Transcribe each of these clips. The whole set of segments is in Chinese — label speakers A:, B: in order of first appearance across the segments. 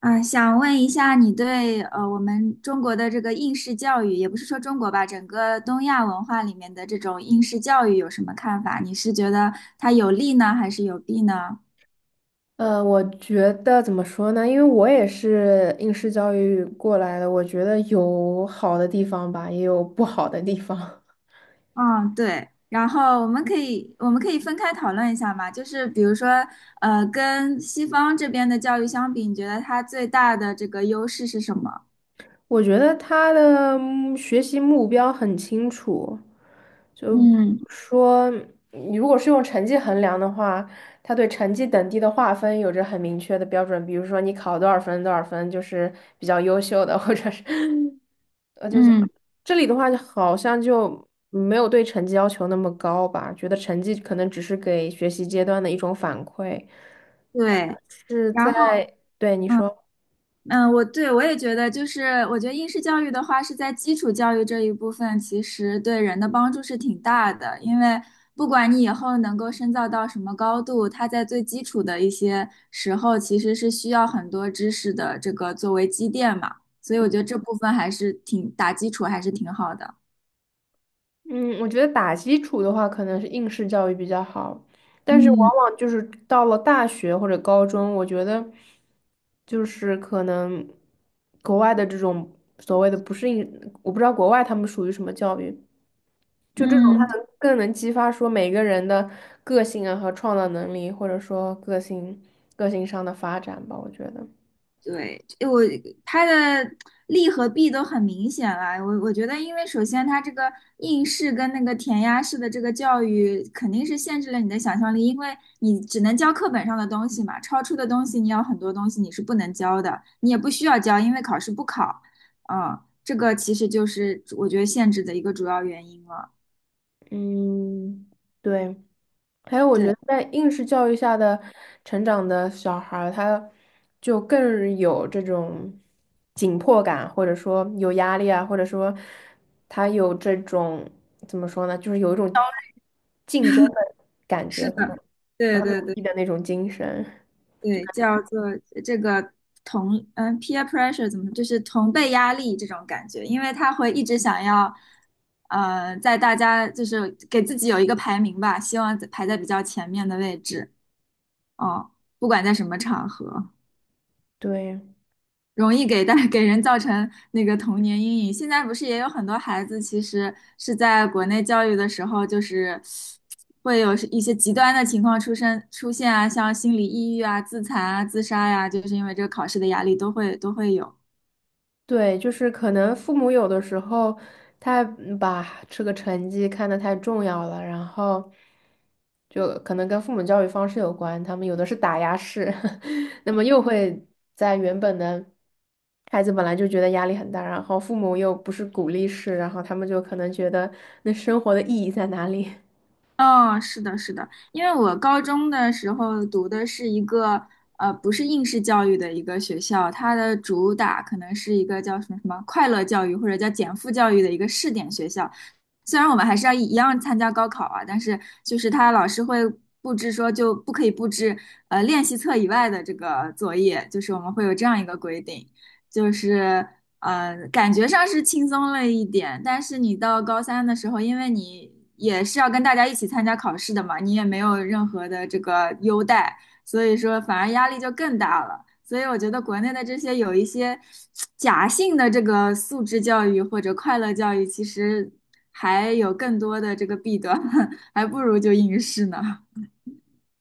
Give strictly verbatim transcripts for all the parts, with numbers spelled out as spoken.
A: 啊，想问一下，你对呃我们中国的这个应试教育，也不是说中国吧，整个东亚文化里面的这种应试教育有什么看法？你是觉得它有利呢，还是有弊呢？
B: 呃，我觉得怎么说呢？因为我也是应试教育过来的，我觉得有好的地方吧，也有不好的地方。
A: 嗯，对。然后我们可以我们可以分开讨论一下嘛，就是比如说，呃，跟西方这边的教育相比，你觉得它最大的这个优势是什么？
B: 我觉得他的嗯学习目标很清楚，就比
A: 嗯
B: 如说，你如果是用成绩衡量的话，他对成绩等级的划分有着很明确的标准，比如说你考多少分，多少分就是比较优秀的，或者是
A: 嗯，
B: 这里的话，好像就没有对成绩要求那么高吧，觉得成绩可能只是给学习阶段的一种反馈，
A: 对。
B: 是
A: 然
B: 在，
A: 后。
B: 对，你
A: 嗯。
B: 说，
A: 嗯，我对我也觉得，就是我觉得应试教育的话，是在基础教育这一部分，其实对人的帮助是挺大的。因为不管你以后能够深造到什么高度，它在最基础的一些时候，其实是需要很多知识的这个作为积淀嘛。所以我觉得这部分还是挺打基础，还是挺好的。
B: 嗯，我觉得打基础的话，可能是应试教育比较好，但是
A: 嗯
B: 往往就是到了大学或者高中，我觉得就是可能国外的这种所谓的不是应，我不知道国外他们属于什么教育，就这种，
A: 嗯，
B: 他能更能激发说每个人的个性啊和创造能力，或者说个性个性上的发展吧，我觉得。
A: 对，我它的利和弊都很明显了。我我觉得，因为首先它这个应试跟那个填鸭式的这个教育，肯定是限制了你的想象力，因为你只能教课本上的东西嘛，超出的东西你有很多东西你是不能教的，你也不需要教，因为考试不考。嗯，这个其实就是我觉得限制的一个主要原因了。
B: 嗯，对。还有，我觉
A: 对，
B: 得在应试教育下的成长的小孩儿他就更有这种紧迫感，或者说有压力啊，或者说他有这种怎么说呢，就是有一种竞争的感觉，
A: 是的，
B: 很
A: 对对
B: 努
A: 对。
B: 力的那种精神。
A: 对，叫做这个同嗯 peer pressure 怎么就是同辈压力这种感觉，因为他会一直想要，呃，在大家就是给自己有一个排名吧，希望在排在比较前面的位置哦，不管在什么场合。
B: 对。
A: 容易给带 给人造成那个童年阴影。现在不是也有很多孩子，其实是在国内教育的时候，就是会有一些极端的情况出生出现啊，像心理抑郁啊、自残啊、自杀呀、就是因为这个考试的压力都会都会有。
B: 对，就是可能父母有的时候他嗯把这个成绩看得太重要了，然后就可能跟父母教育方式有关，他们有的是打压式，那么又会在原本的孩子本来就觉得压力很大，然后父母又不是鼓励式，然后他们就可能觉得那生活的意义在哪里？
A: 哦，是的，是的，因为我高中的时候读的是一个呃，不是应试教育的一个学校，它的主打可能是一个叫什么什么快乐教育或者叫减负教育的一个试点学校。虽然我们还是要一样参加高考啊，但是就是他老师会布置说就不可以布置呃练习册以外的这个作业，就是我们会有这样一个规定，就是。呃，感觉上是轻松了一点，但是你到高三的时候，因为你也是要跟大家一起参加考试的嘛，你也没有任何的这个优待，所以说反而压力就更大了。所以我觉得国内的这些有一些假性的这个素质教育或者快乐教育，其实还有更多的这个弊端，还不如就应试呢。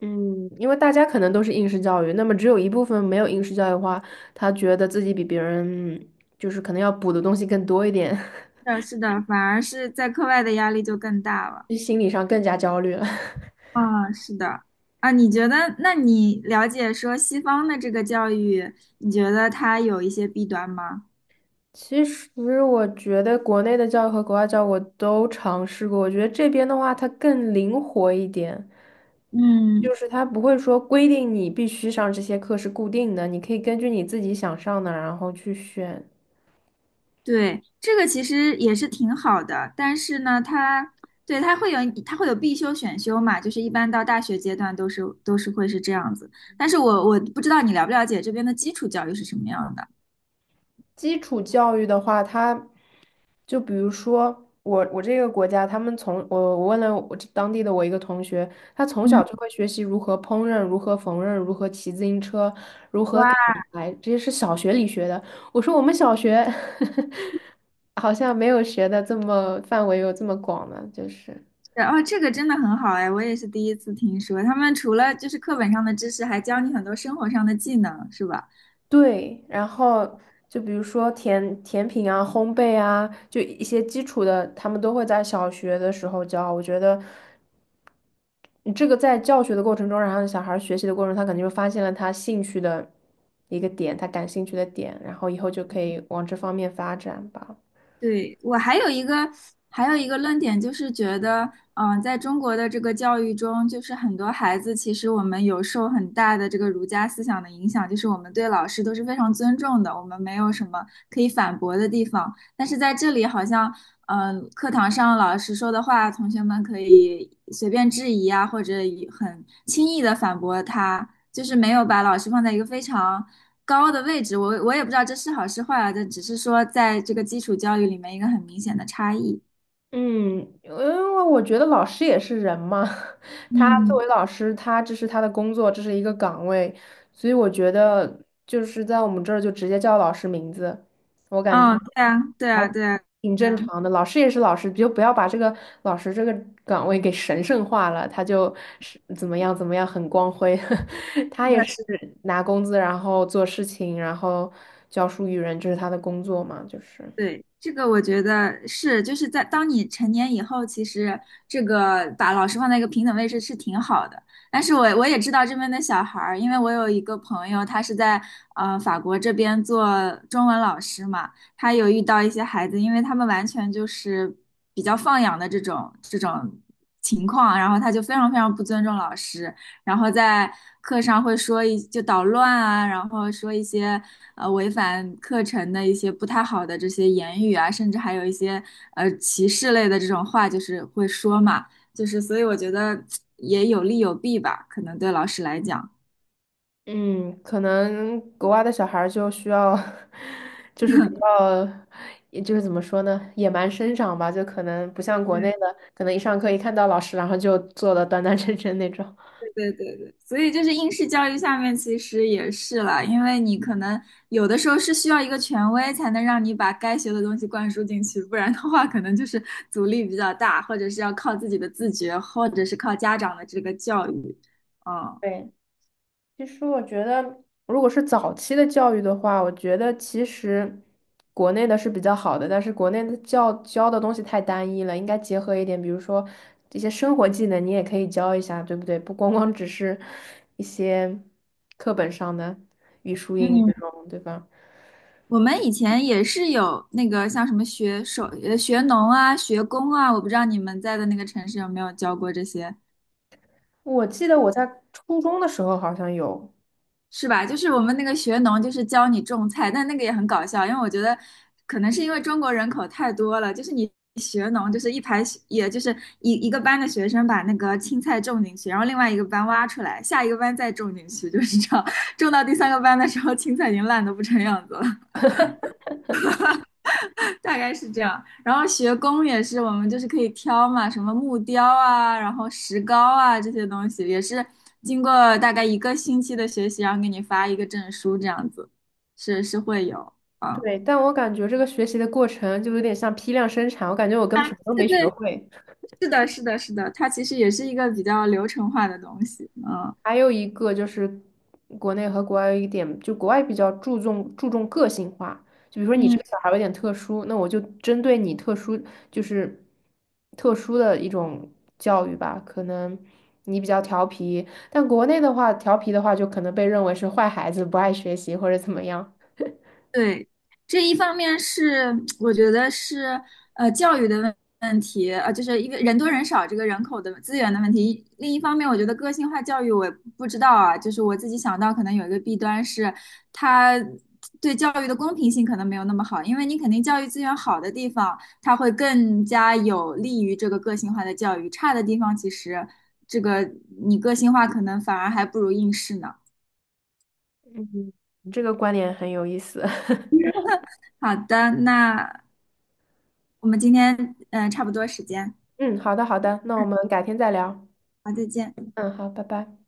B: 嗯，因为大家可能都是应试教育，那么只有一部分没有应试教育的话，他觉得自己比别人就是可能要补的东西更多一点。
A: 是的，是的，反而是在课外的压力就更大了。
B: 就心理上更加焦虑了。
A: 啊，是的，啊，你觉得，那你了解说西方的这个教育，你觉得它有一些弊端吗？
B: 其实我觉得国内的教育和国外教育我都尝试过，我觉得这边的话它更灵活一点，
A: 嗯，
B: 就是它不会说规定你必须上这些课是固定的，你可以根据你自己想上的然后去选。
A: 对，这个其实也是挺好的，但是呢，它对它会有它会有必修选修嘛，就是一般到大学阶段都是都是会是这样子。但是我我不知道你了不了解这边的基础教育是什么样的。
B: 基础教育的话，它。就比如说我我这个国家，他们从我我问了我这当地的我一个同学，他从小
A: 嗯
B: 就会学习如何烹饪、如何缝纫、如何骑自行车、如何
A: 哇，
B: 砍柴，这些是小学里学的。我说我们小学 好像没有学的这么范围有这么广呢，就是
A: 哦，这个真的很好哎，我也是第一次听说，他们除了就是课本上的知识，还教你很多生活上的技能，是吧？
B: 对，然后。就比如说甜甜品啊、烘焙啊，就一些基础的，他们都会在小学的时候教。我觉得你这个在教学的过程中，然后小孩儿学习的过程中，他肯定就发现了他兴趣的一个点，他感兴趣的点，然后以后就可以往这方面发展吧。
A: 对，我还有一个还有一个论点，就是觉得，嗯、在中国的这个教育中，就是很多孩子其实我们有受很大的这个儒家思想的影响，就是我们对老师都是非常尊重的，我们没有什么可以反驳的地方。但是在这里，好像，嗯、课堂上老师说的话，同学们可以随便质疑啊，或者以很轻易的反驳他，就是没有把老师放在一个非常。高的位置，我我也不知道这是好是坏啊，这只是说在这个基础教育里面一个很明显的差异。
B: 嗯，因为我觉得老师也是人嘛，他作
A: 嗯，
B: 为老师，他这是他的工作，这是一个岗位，所以我觉得就是在我们这儿就直接叫老师名字，我感觉
A: 啊，对啊，对
B: 还
A: 啊，对啊，
B: 挺
A: 对
B: 正
A: 啊。
B: 常的。老师也是老师，就不要把这个老师这个岗位给神圣化了，他就是怎么样怎么样很光辉，他也是
A: 是的。
B: 拿工资，然后做事情，然后教书育人，这是他的工作嘛，就是。
A: 对，这个我觉得是，就是在当你成年以后，其实这个把老师放在一个平等位置是挺好的。但是我我也知道这边的小孩儿，因为我有一个朋友，他是在呃法国这边做中文老师嘛，他有遇到一些孩子，因为他们完全就是比较放养的这种这种情况，然后他就非常非常不尊重老师，然后在课上会说一就捣乱啊，然后说一些呃违反课程的一些不太好的这些言语啊，甚至还有一些呃歧视类的这种话，就是会说嘛，就是所以我觉得也有利有弊吧，可能对老师来讲。
B: 嗯，可能国外的小孩儿就需要，就是比较，也就是怎么说呢，野蛮生长吧，就可能不像国内的，可能一上课一看到老师，然后就坐的端端 正正那种。
A: 对对对，所以就是应试教育下面其实也是啦，因为你可能有的时候是需要一个权威才能让你把该学的东西灌输进去，不然的话可能就是阻力比较大，或者是要靠自己的自觉，或者是靠家长的这个教育。嗯
B: 对，其实我觉得，如果是早期的教育的话，我觉得其实国内的是比较好的，但是国内的教教的东西太单一了，应该结合一点，比如说这些生活技能，你也可以教一下，对不对？不光光只是一些课本上的语数英语
A: 嗯，
B: 这种，对吧？
A: 我们以前也是有那个像什么学手、呃学农啊、学工啊，我不知道你们在的那个城市有没有教过这些
B: 我记得我在初中的时候好像有，
A: 是吧？就是我们那个学农，就是教你种菜，但那个也很搞笑，因为我觉得可能是因为中国人口太多了，就是你学农，就是一排学也就是一一个班的学生把那个青菜种进去，然后另外一个班挖出来，下一个班再种进去，就是这样，种到第三个班的时候，青菜已经烂得不成样子了。大概是这样。然后学工也是，我们就是可以挑嘛，什么木雕啊，然后石膏啊这些东西，也是经过大概一个星期的学习，然后给你发一个证书这样子，是是会有啊。
B: 对，但我感觉这个学习的过程就有点像批量生产，我感觉我根本什么都
A: 对
B: 没学
A: 对，
B: 会。
A: 是的，是的，是的，它其实也是一个比较流程化的东西，嗯。
B: 还有一个就是国内和国外有一点，就国外比较注重注重个性化，就比如说你这个小孩儿有点特殊，那我就针对你特殊，就是特殊的一种教育吧。可能你比较调皮，但国内的话，调皮的话就可能被认为是坏孩子，不爱学习或者怎么样。
A: 对，这一方面是 我觉得是呃教育的问问题，呃，就是一个人多人少这个人口的资源的问题。另一方面，我觉得个性化教育我也不知道啊，就是我自己想到可能有一个弊端是它。对教育的公平性可能没有那么好，因为你肯定教育资源好的地方，它会更加有利于这个个性化的教育；差的地方，其实这个你个性化可能反而还不如应试呢。
B: 你这个观点很有意思。
A: 好的，那我们今天嗯、呃差不多时间。
B: 嗯，好的好的，那我们改天再聊。
A: 好，再见。
B: 嗯，好，拜拜。